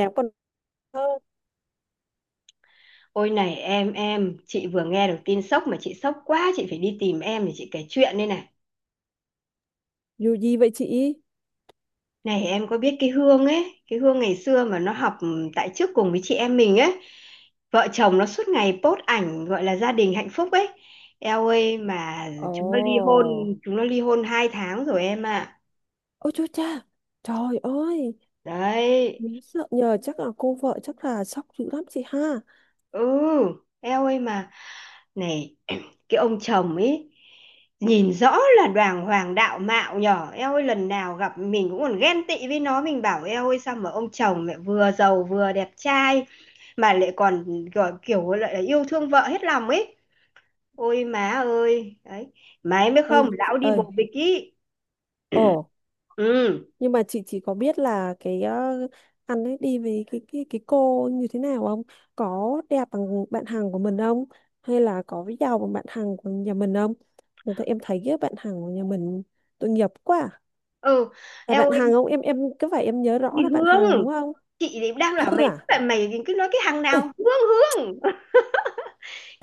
Nhạc còn thơ Ôi này em, chị vừa nghe được tin sốc mà chị sốc quá, chị phải đi tìm em để chị kể chuyện đây này. dù gì vậy chị? Này em có biết cái Hương ấy, cái Hương ngày xưa mà nó học tại trước cùng với chị em mình ấy, vợ chồng nó suốt ngày post ảnh gọi là gia đình hạnh phúc ấy. Eo ơi mà chúng nó ly Ồ, hôn, chúng nó ly hôn 2 tháng rồi em ạ. ôi chúa cha, trời ơi, Đấy, mình sợ nhờ, chắc là cô vợ chắc là sốc dữ lắm chị ha. ừ, eo ơi mà này cái ông chồng ấy nhìn rõ là đoàn hoàng đạo mạo nhỏ, eo ơi lần nào gặp mình cũng còn ghen tị với nó, mình bảo eo ơi sao mà ông chồng lại vừa giàu vừa đẹp trai mà lại còn gọi kiểu lại là yêu thương vợ hết lòng ấy. Ôi má ơi đấy, má em biết không, Ơi chị lão đi bồ ơi, bịch ý. ồ, Ừ. nhưng mà chị chỉ có biết là cái anh ấy đi với cái cô như thế nào không, có đẹp bằng bạn hàng của mình không, hay là có giàu bằng bạn hàng của nhà mình không? Người ta em thấy cái bạn hàng của nhà mình tội nghiệp quá à. Ừ, Là eo bạn ơi. hàng không, em cứ phải em nhớ Đi rõ là bạn hàng Hương, đúng không? chị thì đang bảo Thư mày, à? lại mày cứ nói cái hàng Ê, nào Hương. Hương,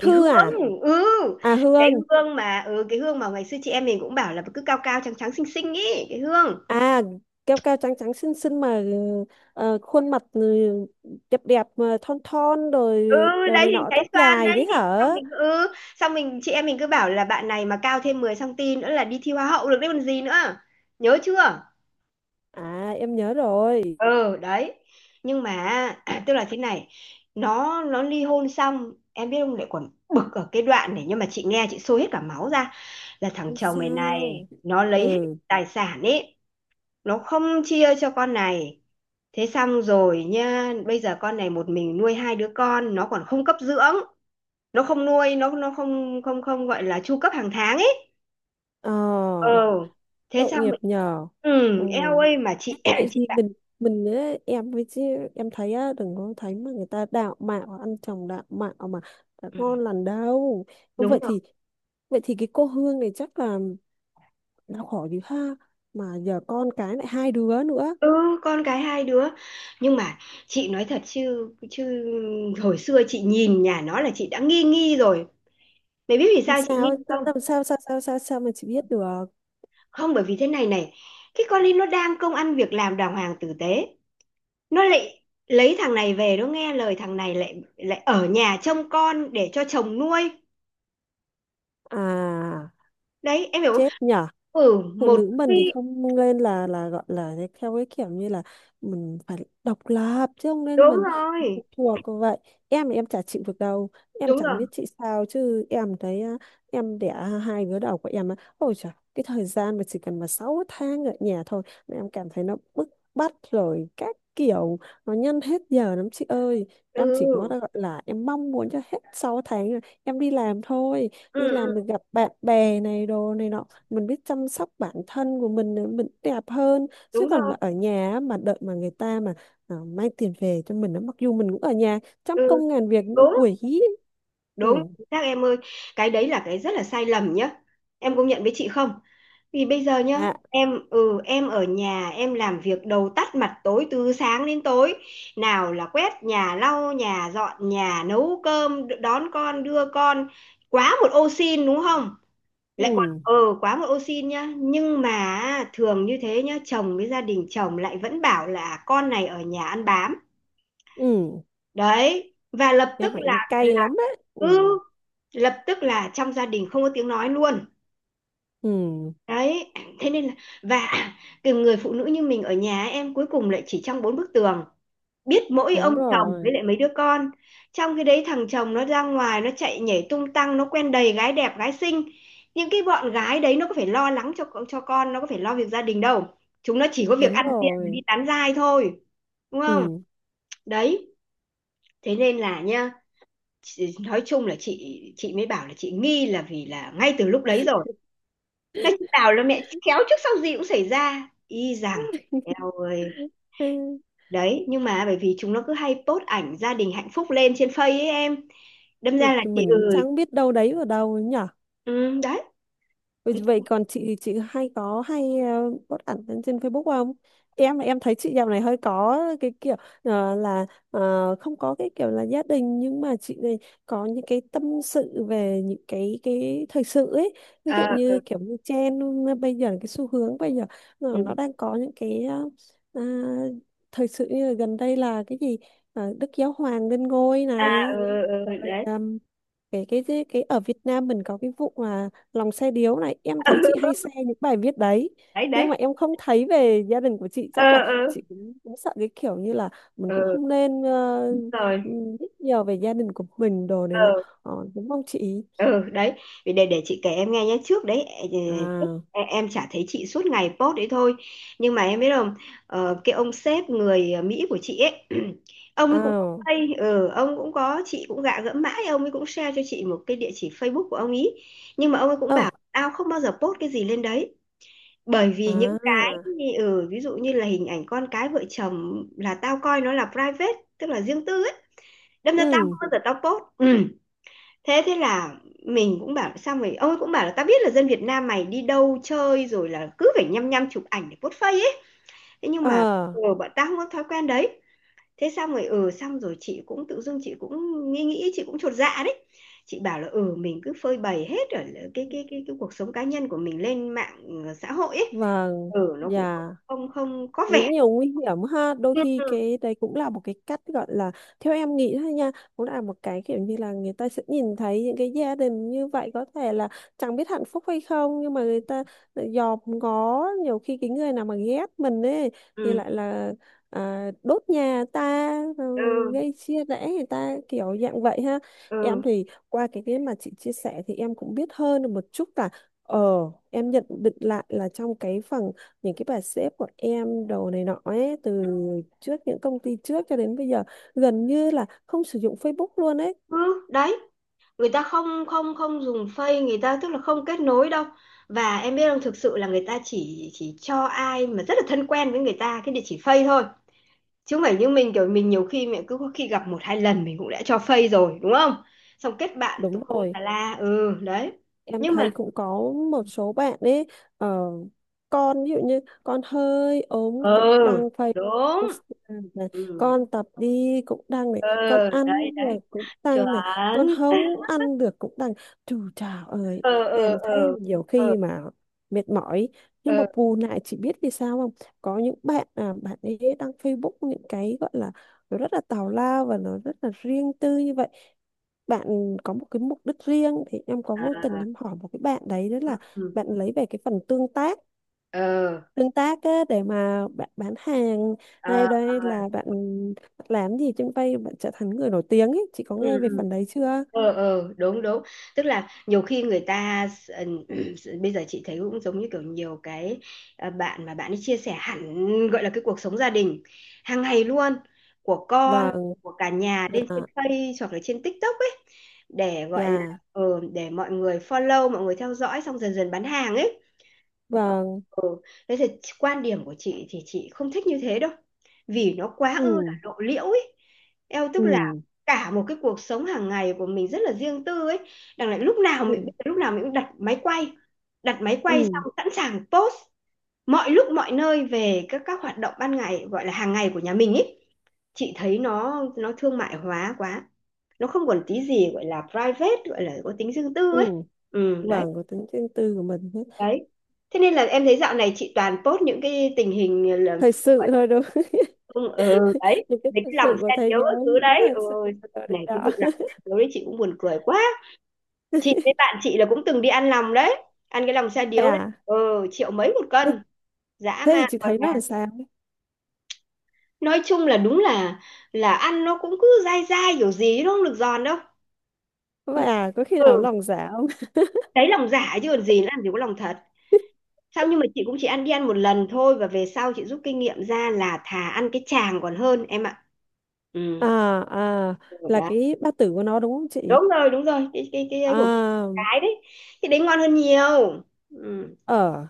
cái hương. à? Ừ, À cái Hương. hương mà cái hương mà ngày xưa chị em mình cũng bảo là cứ cao cao trắng trắng xinh xinh ý, cái hương. À, cao cao trắng trắng xinh xinh mà, ờ, khuôn mặt, ừ, đẹp đẹp mà thon thon Ừ rồi đồ đấy, này hình nọ, trái tóc xoan dài đấy. đấy Xong hả? mình xong mình chị em mình cứ bảo là bạn này mà cao thêm 10 cm nữa là đi thi hoa hậu được đấy còn gì nữa, nhớ chưa? À em nhớ rồi. Ừ đấy, nhưng mà tức là thế này, nó ly hôn xong em biết không, lại còn bực ở cái đoạn này, nhưng mà chị nghe chị sôi hết cả máu ra là thằng Không chồng mày này sao. nó lấy hết Ừ. tài sản ấy, nó không chia cho con này. Thế xong rồi nha, bây giờ con này một mình nuôi hai đứa con, nó còn không cấp dưỡng, nó không nuôi, nó không không không gọi là chu cấp hàng tháng ấy. Ờ. Ờ, Thế tội xong nghiệp rồi, nhờ. Ừ. ừ, eo ơi mà chị Vậy chị thì bảo, mình á, em với chứ em thấy á, đừng có thấy mà người ta đạo mạo, ăn chồng đạo mạo mà đã "Ừ, ngon lành đâu. đúng Vậy rồi. thì, vậy thì cái cô Hương này chắc là đau khổ dữ ha, mà giờ con cái lại hai đứa nữa. Ừ, con cái hai đứa. Nhưng mà chị nói thật chứ chứ hồi xưa chị nhìn nhà nó là chị đã nghi nghi rồi. Mày biết vì Làm sao chị nghi sao, không? làm sao, sao sao sao sao mà chị biết được? Không, bởi vì thế này này, cái con ấy nó đang công ăn việc làm đàng hoàng tử tế, nó lại lấy thằng này về, nó nghe lời thằng này lại lại ở nhà trông con để cho chồng nuôi, À, đấy em hiểu không? chết nhỉ. Ừ Phụ một nữ khi mình thì không nên là gọi là cái- theo cái kiểu như là mình phải độc lập, chứ không nên đúng mình rồi phụ thuộc vậy. Em thì em chả chịu được đâu. Em đúng chẳng rồi. biết chị sao chứ em thấy á, em đẻ hai đứa đầu của em á, ôi trời, cái thời gian mà chỉ cần mà 6 tháng ở nhà thôi là em cảm thấy nó bức bách rồi các kiểu, nó nhân hết giờ lắm chị ơi. Em chỉ có Ừ, gọi là em mong muốn cho hết 6 tháng rồi em đi làm thôi. ừ, Đi ừ làm được gặp bạn bè này đồ này nọ, mình biết chăm sóc bản thân của mình nữa, mình đẹp hơn, chứ đúng còn rồi. mà ở nhà á, mà đợi mà người ta mà à, mang tiền về cho mình á, mặc dù mình cũng ở nhà trăm Ừ công ngàn việc như đúng. quỷ. Đúng, Ừ, chính xác em ơi. Cái đấy là cái rất là sai lầm nhá. Em công nhận với chị không? Vì bây giờ nhá, à, em em ở nhà em làm việc đầu tắt mặt tối từ sáng đến tối. Nào là quét nhà, lau nhà, dọn nhà, nấu cơm, đón con, đưa con. Quá một ô xin đúng không? Lại còn ừ, quá một ô xin nhá. Nhưng mà thường như thế nhá, chồng với gia đình chồng lại vẫn bảo là con này ở nhà ăn bám. ừ, Đấy, và lập tức nhưng mà là em cay là lắm á. Ừ, ừ lập tức là trong gia đình không có tiếng nói luôn. ừ, Đấy, thế nên là, và cái người phụ nữ như mình ở nhà em cuối cùng lại chỉ trong bốn bức tường, biết mỗi ông đúng chồng với rồi, lại mấy đứa con. Trong cái đấy thằng chồng nó ra ngoài nó chạy nhảy tung tăng, nó quen đầy gái đẹp gái xinh. Những cái bọn gái đấy nó có phải lo lắng cho con, nó có phải lo việc gia đình đâu, chúng nó chỉ có việc đúng ăn diện và đi rồi, tán giai thôi, đúng không? ừ. Đấy, thế nên là nha, nói chung là chị mới bảo là chị nghi là vì là ngay từ lúc đấy rồi. Nói chị bảo là mẹ khéo trước sau gì cũng xảy ra y rằng, eo ơi. Đấy nhưng mà bởi vì chúng nó cứ hay post ảnh gia đình hạnh phúc lên trên Face ấy em, đâm Ừ, ra là chị mình cũng ơi. chẳng biết đâu đấy ở đâu ấy nhỉ. Ừ, đấy. Vậy vậy còn chị hay có hay, ờ, post ảnh lên trên Facebook không? Em thấy chị dạo này hơi có cái kiểu, ờ, là, ờ, không có cái kiểu là gia đình, nhưng mà chị này có những cái tâm sự về những cái thời sự ấy. Ví dụ Ờ, như kiểu như trend, ờ, bây giờ cái xu hướng bây giờ nó ừ. nó đang có những cái, ờ, à, thời sự như là gần đây là cái gì. Ờ, Đức Giáo Hoàng lên ngôi À này, ừ, ừ, rồi, đấy. ờm, cái ở Việt Nam mình có cái vụ mà lòng xe điếu này, em thấy chị hay share những bài viết đấy. đấy Nhưng đấy. mà em không thấy về gia đình của chị, Ờ chắc là ừ, chị cũng, cũng sợ cái kiểu như là mình ừ. cũng Ừ. không nên, Rồi. Biết nhiều về gia đình của mình đồ này Ờ. nọ, ờ, đúng không chị? Ừ đấy, vì để chị kể em nghe nhé. Trước đấy ờ, trước À, em chả thấy chị suốt ngày post đấy thôi, nhưng mà em biết không, ờ, cái ông sếp người Mỹ của chị ấy ông ấy cũng có à, pay, ừ, ông cũng có, chị cũng gạ gẫm mãi ông ấy cũng share cho chị một cái địa chỉ Facebook của ông ấy, nhưng mà ông ấy cũng ờ, bảo tao không bao giờ post cái gì lên đấy, bởi vì những cái à, ừ, ví dụ như là hình ảnh con cái vợ chồng là tao coi nó là private, tức là riêng tư ấy, đâm ra tao ừ, không bao giờ post. Ừ, thế thế là mình cũng bảo, xong rồi ông ấy cũng bảo là ta biết là dân Việt Nam mày đi đâu chơi rồi là cứ phải nhăm nhăm chụp ảnh để post face ấy, thế nhưng ờ, mà ừ, bọn ta không có thói quen đấy. Thế xong rồi xong rồi chị cũng tự dưng chị cũng nghĩ, chị cũng chột dạ đấy. Chị bảo là ừ mình cứ phơi bày hết ở cái cuộc sống cá nhân của mình lên mạng, ừ, xã hội ấy, vâng, ừ nó cũng không dạ. không, không có vẻ. Cũng nhiều nguy hiểm ha, đôi khi Ừ. cái đấy cũng là một cái cách gọi là, theo em nghĩ thôi nha, cũng là một cái kiểu như là người ta sẽ nhìn thấy những cái gia đình như vậy, có thể là chẳng biết hạnh phúc hay không, nhưng mà người ta lại dòm ngó, nhiều khi cái người nào mà ghét mình ấy thì lại là à, đốt nhà ta rồi Ừ. gây chia rẽ người ta kiểu dạng vậy ha. Ừ. Em thì qua cái mà chị chia sẻ thì em cũng biết hơn được một chút là, ờ, em nhận định lại là trong cái phần những cái bà sếp của em đồ này nọ ấy, từ trước những công ty trước cho đến bây giờ gần như là không sử dụng Facebook luôn ấy. Ừ đấy, người ta không không không dùng Face, người ta tức là không kết nối đâu. Và em biết không, thực sự là người ta chỉ cho ai mà rất là thân quen với người ta cái địa chỉ Face thôi, chứ không phải như mình kiểu mình nhiều khi mình cứ có khi gặp một hai lần mình cũng đã cho Face rồi đúng không, xong kết bạn Đúng tùm lum rồi, tà la, ừ đấy. em Nhưng thấy mà cũng có một số bạn ấy, ờ, con ví dụ như con hơi ốm cũng ừ đăng Facebook, đúng, Instagram này, ừ, con tập đi cũng đăng này, ừ con đấy ăn đấy rồi cũng chuẩn. đăng này, con không ăn được cũng đăng. Trời, trời ơi. ờ Em ờ thấy ờ nhiều ờ khi mà mệt mỏi, nhưng mà ờ, bù lại chỉ biết vì sao không, có những bạn à, bạn ấy đăng Facebook những cái gọi là nó rất là tào lao và nó rất là riêng tư như vậy, bạn có một cái mục đích riêng. Thì em có vô à, tình em hỏi một cái bạn đấy, đó là ừ, bạn lấy về cái phần tương tác, ờ, tương tác á, để mà bạn bán hàng, à, hay à, đây là bạn làm gì trên vay bạn trở thành người nổi tiếng ấy. Chị có ừ, nghe về ừ. phần đấy chưa? Ờ ờ đúng đúng, tức là nhiều khi người ta ừ, bây giờ chị thấy cũng giống như kiểu nhiều cái à, bạn mà bạn ấy chia sẻ hẳn gọi là cái cuộc sống gia đình hàng ngày luôn của con, Vâng, của cả nhà dạ, lên trên Face hoặc là trên TikTok ấy, để gọi là dạ, ừ, để mọi người follow, mọi người theo dõi xong dần dần bán hàng ấy. Ờ, vâng, ừ. Thế thì quan điểm của chị thì chị không thích như thế đâu. Vì nó quá ư là ừ, lộ liễu ấy. Eo tức ừ, là cả một cái cuộc sống hàng ngày của mình rất là riêng tư ấy. Đằng lại ừ, lúc nào mình cũng đặt máy ừ, quay xong sẵn sàng post mọi lúc mọi nơi về các hoạt động ban ngày gọi là hàng ngày của nhà mình ấy. Chị thấy nó thương mại hóa quá. Nó không còn tí gì gọi là private, gọi là có tính riêng tư ấy. ừ, Ừ đấy vâng, có tính riêng tư của mình hết. đấy, thế nên là em thấy dạo này chị toàn post những cái tình hình ờ, là Thời gọi sự là thôi đúng không? không, ừ, đấy Những cái về cái thời lòng sự xe của thế điếu các giới, thứ những cái đấy, thời ừ. sự của đời Này cái đó. vụ lòng xe điếu đấy chị cũng buồn cười quá. Chị với bạn chị là cũng từng đi ăn lòng đấy, ăn cái lòng xe Vậy điếu đấy, à, ừ, triệu mấy một cân, dã thế thì man chị còn thấy là, nó làm sao? nói chung là đúng là ăn nó cũng cứ dai dai kiểu gì chứ nó không được giòn đâu. Vậy à, có khi nào Ừ lòng dạ không? đấy, lòng giả chứ còn gì, nó làm gì có lòng thật. Không nhưng mà chị cũng chỉ ăn ăn một lần thôi, và về sau chị rút kinh nghiệm ra là thà ăn cái chàng còn hơn em ạ. Ừ. À, à, Rồi. là Đấy. cái bát tử của nó đúng không chị? Đúng rồi, cái ấy của À, cái đấy. Thì đấy ngon hơn nhiều. Ừ. ở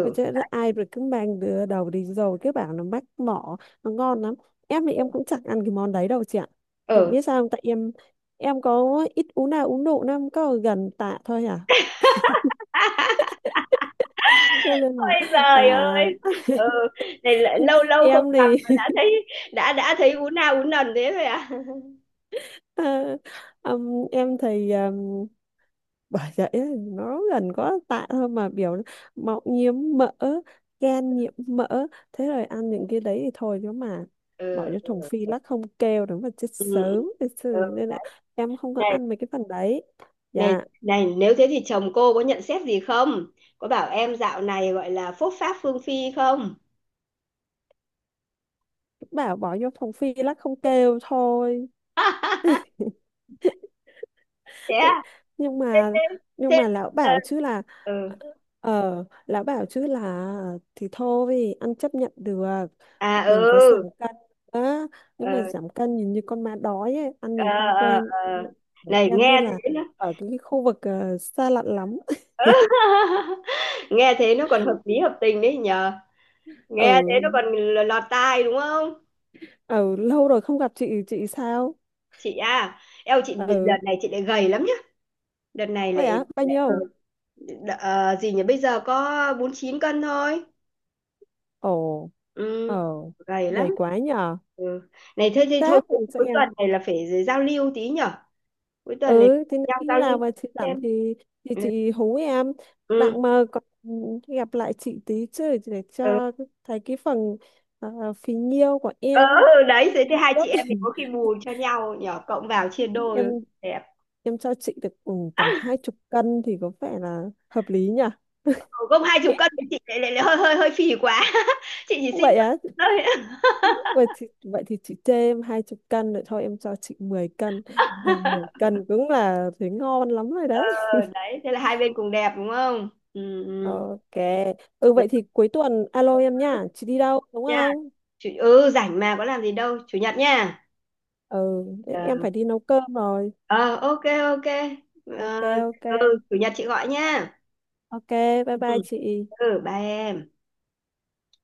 tôi chứ ai, rồi cứ mang đứa đầu đi rồi cứ bảo nó mách mỏ, nó ngon lắm. Em thì em cũng chẳng ăn cái món đấy đâu chị ạ. Chị Ừ. biết sao không, tại em có ít uống nào, uống độ nó có gần tạ thôi à. Cho nên là Ôi giời ơi. à. Ừ. Này lại lâu lâu không Em gặp mà thì đã thấy, đã thấy ú na ú nần thế rồi à. à, em thì bởi vậy ấy, nó gần có tạ thôi mà biểu nó mọng nhiễm mỡ, gan nhiễm mỡ, thế rồi ăn những cái đấy thì thôi chứ mà bỏ Ừ. vô thùng phi lắc không kêu đúng mà chết Ừ. Ừ. sớm thật sự, Ừ. nên là em không có Này, ăn mấy cái phần đấy. này, Dạ, này, nếu thế thì chồng cô có nhận xét gì không? Có bảo em dạo này gọi là phốt pháp phương phi không? bảo bỏ vô thùng phi lắc không kêu thôi. thế à? nhưng Thế mà thế nhưng thế- mà lão ờ, bảo chứ là, ừ. ờ, lão bảo chứ là thì thôi ăn chấp nhận được, À đừng có giảm ừ. cân, đó, nếu mà Ờ giảm cân nhìn như con ma đói ấy, ăn ờ nhìn không ờ quen. ờ. Ừ, Này em như nghe là thế nó, ở cái khu vực, ờ, xa lạ lắm. nghe thế nó còn hợp lý hợp tình đấy nhờ, nghe thế Ở, nó còn lọt tai đúng không? ở lâu rồi không gặp chị sao? Chị à? Eo chị đợt Ừ, này chị lại gầy lắm nhá. Đợt này vậy lại á, bao lại ừ, nhiêu? Gì nhỉ, bây giờ có 49 cân thôi. Ồ, Ừ, ờ, gầy dày lắm. quá nhờ. Ừ. Này thế thì thôi Sếp rồi cho cuối em. tuần này là phải giao lưu tí nhở. Cuối tuần này Ừ thì nhau khi giao nào lưu mà chị giảm xem. thì Ừ. chị hú em, Ừ. đặng mà còn gặp lại chị tí chứ, để Ừ. cho thấy cái phần, ờ, phí nhiêu của Ờ, em. ừ, đấy thế thì Em hai ước. chị em mình có khi bù cho nhau nhỏ cộng vào chia em đôi đẹp. em cho chị được, ừ, tầm hai chục cân thì có vẻ là hợp lý nhỉ? Ừ, không 20 cân thì chị lại hơi hơi hơi phì quá. chị chỉ xin Vậy một á, thôi. Vậy thì chị chê em hai chục cân rồi thôi em cho chị 10 cân. Em 10 cân cũng là thấy ngon lắm rồi ờ, đấy. đấy thế là hai bên cùng đẹp đúng không? Ừ ừ. OK, ừ Dạ vậy thì cuối tuần alo em nha, chị đi đâu đúng nha. không? Ừ rảnh mà có làm gì đâu chủ nhật nha. Ừ, em Ờ. phải đi nấu cơm rồi. Ờ, ok ok. Ờ, OK, OK. ừ chủ nhật chị gọi nha. OK, bye Ừ. bye chị. Ừ bye em.